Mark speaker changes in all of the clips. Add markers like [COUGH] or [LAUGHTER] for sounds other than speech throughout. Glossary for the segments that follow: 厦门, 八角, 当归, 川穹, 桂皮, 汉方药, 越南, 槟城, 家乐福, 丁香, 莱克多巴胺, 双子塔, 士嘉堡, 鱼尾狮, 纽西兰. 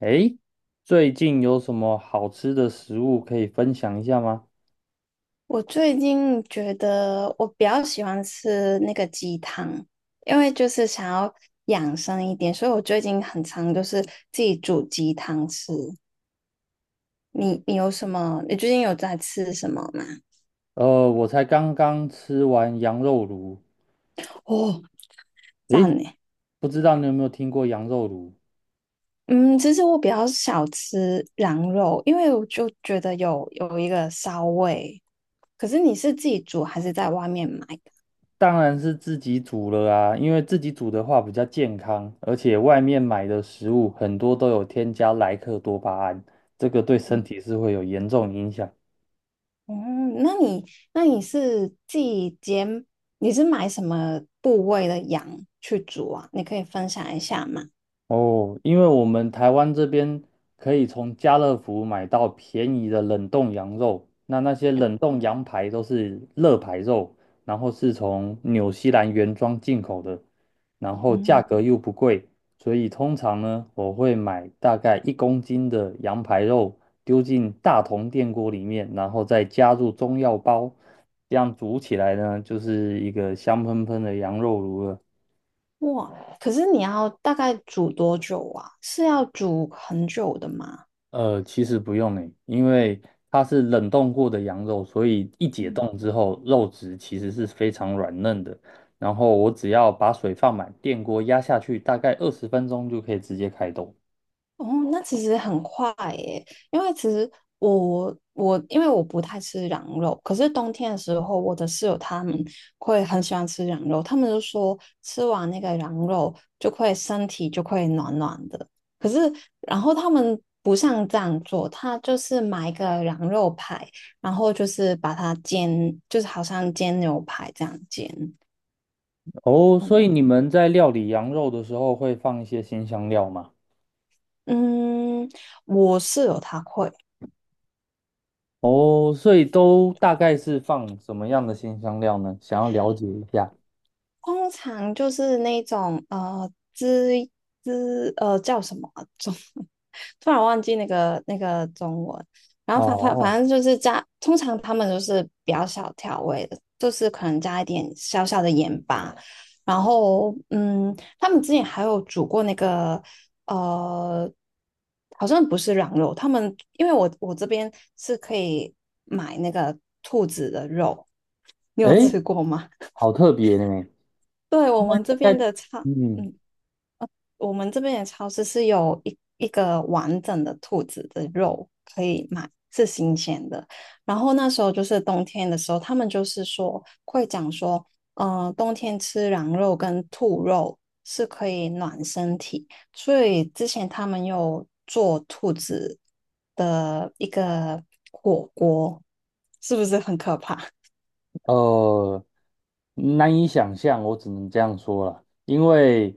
Speaker 1: 诶，最近有什么好吃的食物可以分享一下吗？
Speaker 2: 我最近觉得我比较喜欢吃那个鸡汤，因为就是想要养生一点，所以我最近很常就是自己煮鸡汤吃。你有什么？你最近有在吃什么吗？
Speaker 1: 我才刚刚吃完羊肉炉。
Speaker 2: 哦，赞
Speaker 1: 诶，
Speaker 2: 呢。
Speaker 1: 不知道你有没有听过羊肉炉？
Speaker 2: 嗯，其实我比较少吃羊肉，因为我就觉得有一个骚味。可是你是自己煮还是在外面买？
Speaker 1: 当然是自己煮了啊，因为自己煮的话比较健康，而且外面买的食物很多都有添加莱克多巴胺，这个对身体是会有严重影响。
Speaker 2: 哦，那你那你是自己煎，你是买什么部位的羊去煮啊？你可以分享一下吗？
Speaker 1: 哦，因为我们台湾这边可以从家乐福买到便宜的冷冻羊肉，那些冷冻羊排都是乐排肉，然后是从纽西兰原装进口的，然后价
Speaker 2: 嗯，
Speaker 1: 格又不贵，所以通常呢，我会买大概1公斤的羊排肉丢进大铜电锅里面，然后再加入中药包，这样煮起来呢，就是一个香喷喷的羊肉炉了。
Speaker 2: 哇，可是你要大概煮多久啊？是要煮很久的吗？
Speaker 1: 其实不用诶，因为它是冷冻过的羊肉，所以一解
Speaker 2: 嗯。
Speaker 1: 冻之后，肉质其实是非常软嫩的。然后我只要把水放满，电锅压下去，大概20分钟就可以直接开动。
Speaker 2: 哦，那其实很快耶，因为其实我因为我不太吃羊肉，可是冬天的时候，我的室友他们会很喜欢吃羊肉，他们就说吃完那个羊肉就会身体就会暖暖的。可是然后他们不像这样做，他就是买一个羊肉排，然后就是把它煎，就是好像煎牛排这样煎。
Speaker 1: 哦，所以你们在料理羊肉的时候会放一些新香料吗？
Speaker 2: 嗯，我室友他会。
Speaker 1: 哦，所以都大概是放什么样的新香料呢？想要了解一下。
Speaker 2: 通常就是那种滋滋叫什么啊中，[LAUGHS] 突然忘记那个中文。然后反反反
Speaker 1: 哦，
Speaker 2: 正就是加，通常他们都是比较小调味的，就是可能加一点小小的盐巴。然后嗯，他们之前还有煮过那个呃，好像不是羊肉，他们因为我这边是可以买那个兔子的肉，你有
Speaker 1: 诶，
Speaker 2: 吃过吗？
Speaker 1: 好特别呢。
Speaker 2: 对，我们这
Speaker 1: 大
Speaker 2: 边
Speaker 1: 概，
Speaker 2: 的超，
Speaker 1: 嗯。
Speaker 2: 嗯，我们这边的超市是有一个完整的兔子的肉可以买，是新鲜的。然后那时候就是冬天的时候，他们就是说会讲说，嗯，冬天吃羊肉跟兔肉是可以暖身体，所以之前他们有做兔子的一个火锅，是不是很可怕？
Speaker 1: 呃，难以想象，我只能这样说了，因为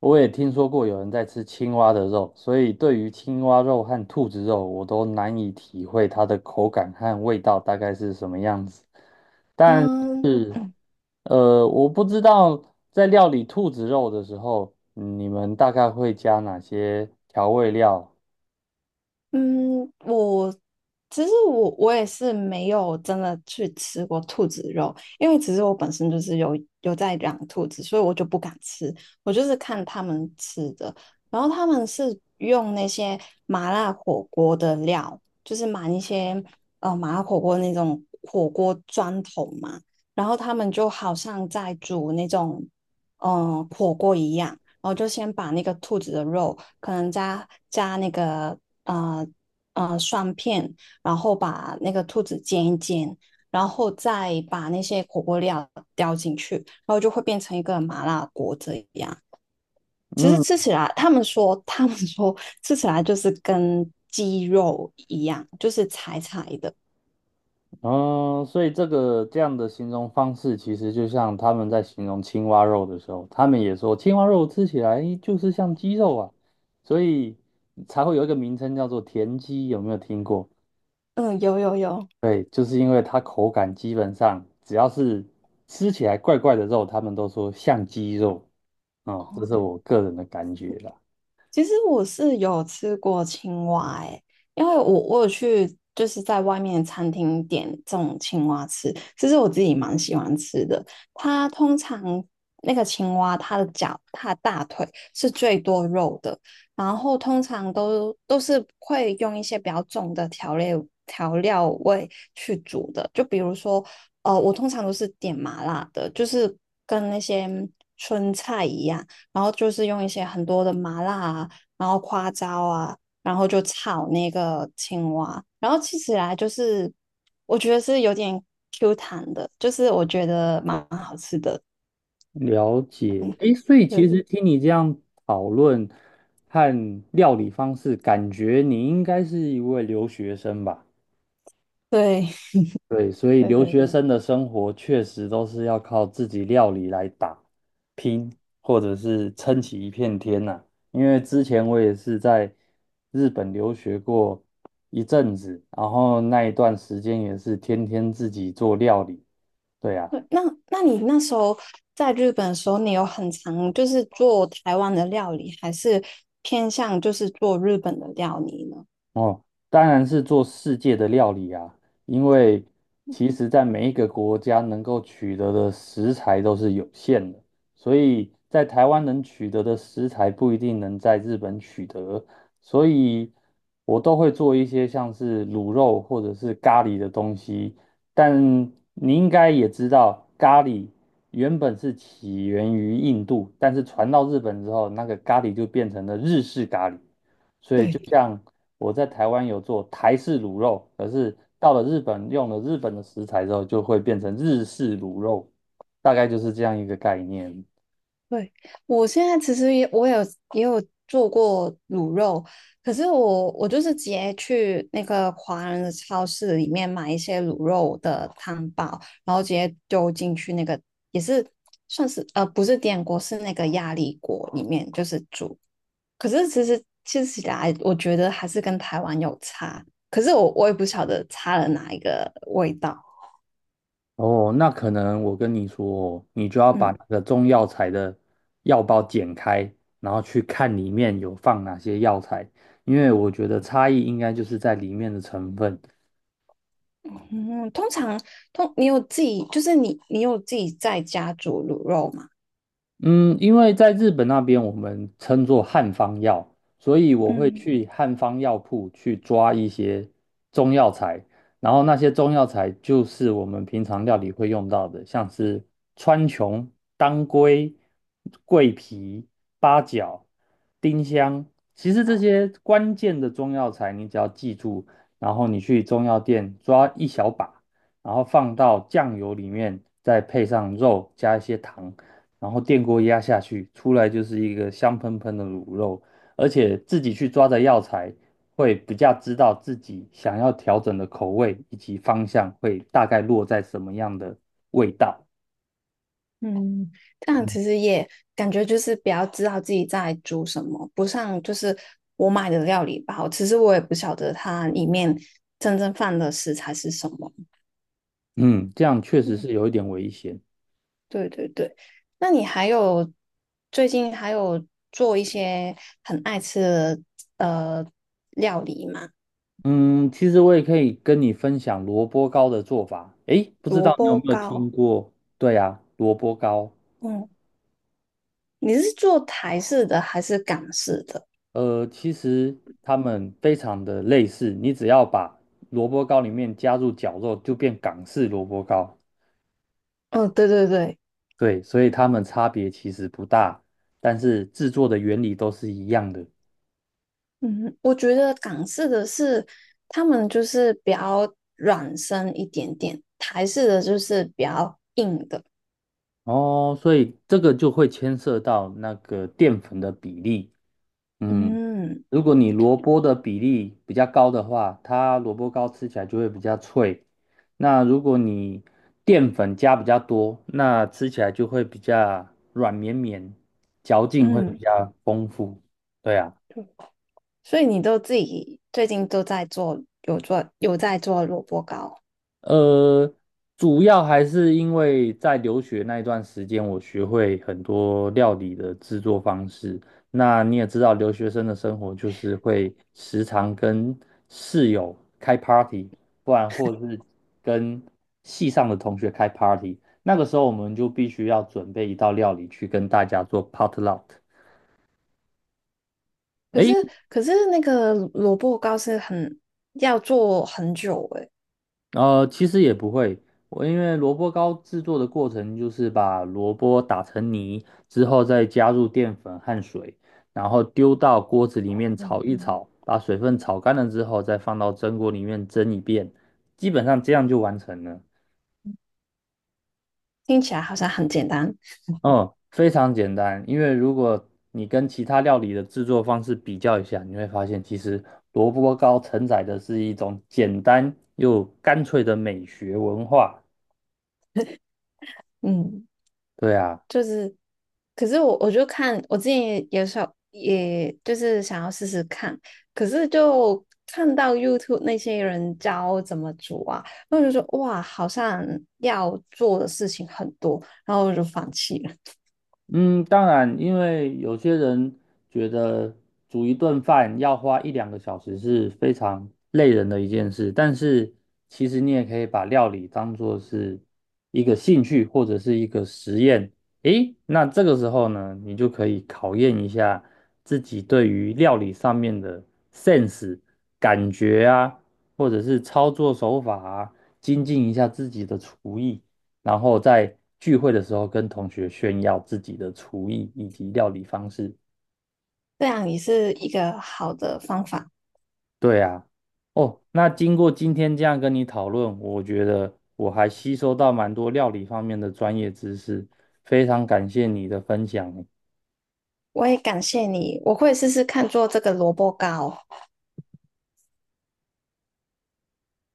Speaker 1: 我也听说过有人在吃青蛙的肉，所以对于青蛙肉和兔子肉，我都难以体会它的口感和味道大概是什么样子。但
Speaker 2: 嗯，
Speaker 1: 是，我不知道在料理兔子肉的时候，你们大概会加哪些调味料？
Speaker 2: 嗯，我其实我也是没有真的去吃过兔子肉，因为其实我本身就是有在养兔子，所以我就不敢吃，我就是看他们吃的，然后他们是用那些麻辣火锅的料，就是买一些麻辣火锅那种火锅砖头嘛，然后他们就好像在煮那种火锅一样。然后就先把那个兔子的肉，可能加那个啊蒜片，然后把那个兔子煎一煎，然后再把那些火锅料丢进去，然后就会变成一个麻辣锅这样。其实
Speaker 1: 嗯。
Speaker 2: 吃起来，他们说吃起来就是跟鸡肉一样，就是柴柴的。
Speaker 1: 嗯，所以这个这样的形容方式，其实就像他们在形容青蛙肉的时候，他们也说青蛙肉吃起来就是像鸡肉啊，所以才会有一个名称叫做田鸡，有没有听过？
Speaker 2: 嗯，有有有。
Speaker 1: 对，就是因为它口感基本上只要是吃起来怪怪的肉，他们都说像鸡肉。哦，这是我个人的感觉啦。
Speaker 2: 其实我是有吃过青蛙诶、因为我有去就是在外面餐厅点这种青蛙吃，其实我自己蛮喜欢吃的。它通常那个青蛙，它的脚、它的大腿是最多肉的，然后通常都是会用一些比较重的调料味去煮的，就比如说，我通常都是点麻辣的，就是跟那些春菜一样。然后就是用一些很多的麻辣啊，然后花椒啊，然后就炒那个青蛙，然后吃起来就是我觉得是有点 Q 弹的，就是我觉得蛮好吃的。
Speaker 1: 了解，诶，所以其实
Speaker 2: 对
Speaker 1: 听你这样讨论和料理方式，感觉你应该是一位留学生吧？
Speaker 2: 对
Speaker 1: 对，所
Speaker 2: [LAUGHS]
Speaker 1: 以
Speaker 2: 对
Speaker 1: 留
Speaker 2: 对
Speaker 1: 学生的生活确实都是要靠自己料理来打拼，或者是撑起一片天呐、因为之前我也是在日本留学过一阵子，然后那一段时间也是天天自己做料理。对啊，
Speaker 2: 对，那你那时候在日本的时候，你有很常就是做台湾的料理，还是偏向就是做日本的料理呢？
Speaker 1: 哦，当然是做世界的料理啊，因为其实在每一个国家能够取得的食材都是有限的，所以在台湾能取得的食材不一定能在日本取得，所以我都会做一些像是卤肉或者是咖喱的东西。但你应该也知道，咖喱原本是起源于印度，但是传到日本之后，那个咖喱就变成了日式咖喱。所以就
Speaker 2: 对。
Speaker 1: 像我在台湾有做台式卤肉，可是到了日本用了日本的食材之后，就会变成日式卤肉，大概就是这样一个概念。
Speaker 2: 对，我现在其实也有做过卤肉，可是我就是直接去那个华人的超市里面买一些卤肉的汤包，然后直接丢进去那个也是算是不是电锅，是那个压力锅里面就是煮。可是其实吃起来，我觉得还是跟台湾有差，可是我也不晓得差了哪一个味道。
Speaker 1: 哦，那可能我跟你说哦你就要把
Speaker 2: 嗯。
Speaker 1: 那个中药材的药包剪开，然后去看里面有放哪些药材，因为我觉得差异应该就是在里面的成分。
Speaker 2: 嗯，通常你有自己，就是你有自己在家煮卤肉吗？
Speaker 1: 嗯，因为在日本那边我们称作汉方药，所以我会
Speaker 2: 嗯
Speaker 1: 去汉方药铺去抓一些中药材，然后那些中药材就是我们平常料理会用到的，像是川穹、当归、桂皮、八角、丁香。其实这些关键的中药材，你只要记住，然后你去中药店抓一小把，然后放到酱油里面，再配上肉，加一些糖。然后电锅压下去，出来就是一个香喷喷的卤肉，而且自己去抓的药材会比较知道自己想要调整的口味以及方向会大概落在什么样的味道。
Speaker 2: 嗯，这样
Speaker 1: 嗯，
Speaker 2: 其实也感觉就是比较知道自己在煮什么，不像就是我买的料理包，其实我也不晓得它里面真正放的食材是什么。
Speaker 1: 嗯这样确实
Speaker 2: 嗯，
Speaker 1: 是有一点危险。
Speaker 2: 对对对。那你最近还有做一些很爱吃的呃料理吗？
Speaker 1: 嗯，其实我也可以跟你分享萝卜糕的做法。诶，不知
Speaker 2: 萝
Speaker 1: 道你有
Speaker 2: 卜
Speaker 1: 没有听
Speaker 2: 糕。
Speaker 1: 过？对呀，萝卜糕。
Speaker 2: 嗯。你是做台式的还是港式的？
Speaker 1: 其实它们非常的类似，你只要把萝卜糕里面加入绞肉，就变港式萝卜糕。
Speaker 2: 嗯，对对对，
Speaker 1: 对，所以它们差别其实不大，但是制作的原理都是一样的。
Speaker 2: 嗯，我觉得港式的是他们就是比较软身一点点，台式的就是比较硬的。
Speaker 1: 哦，所以这个就会牵涉到那个淀粉的比例。嗯，
Speaker 2: 嗯
Speaker 1: 如果你萝卜的比例比较高的话，它萝卜糕吃起来就会比较脆。那如果你淀粉加比较多，那吃起来就会比较软绵绵，嚼劲会比
Speaker 2: 嗯，
Speaker 1: 较丰富。对啊。
Speaker 2: 所以你都自己最近都在做，有在做萝卜糕，
Speaker 1: 呃，主要还是因为在留学那一段时间，我学会很多料理的制作方式。那你也知道，留学生的生活就是会时常跟室友开 party，不然或者是跟系上的同学开 party。那个时候我们就必须要准备一道料理去跟大家做 potluck。
Speaker 2: 可是可是那个萝卜糕是很要做很久诶，
Speaker 1: 其实也不会，我因为萝卜糕制作的过程就是把萝卜打成泥之后，再加入淀粉和水，然后丢到锅子里面炒一
Speaker 2: 嗯
Speaker 1: 炒，把水分炒干了之后，再放到蒸锅里面蒸一遍，基本上这样就完成了。
Speaker 2: 听起来好像很简单。
Speaker 1: 嗯，非常简单，因为如果你跟其他料理的制作方式比较一下，你会发现其实萝卜糕承载的是一种简单又干脆的美学文化。
Speaker 2: 嗯。
Speaker 1: 对啊。
Speaker 2: 就是，可是我就看我之前也想，也就是想要试试看，可是就看到 YouTube 那些人教怎么煮啊，然后就说哇，好像要做的事情很多，然后我就放弃了。
Speaker 1: 嗯，当然，因为有些人觉得煮一顿饭要花一两个小时是非常累人的一件事，但是其实你也可以把料理当做是一个兴趣或者是一个实验。诶，那这个时候呢，你就可以考验一下自己对于料理上面的 sense、感觉啊，或者是操作手法啊，精进一下自己的厨艺。然后在聚会的时候跟同学炫耀自己的厨艺以及料理方式。
Speaker 2: 这样也是一个好的方法，
Speaker 1: 对啊，哦，那经过今天这样跟你讨论，我觉得我还吸收到蛮多料理方面的专业知识，非常感谢你的分享欸。
Speaker 2: 我也感谢你，我会试试看做这个萝卜糕。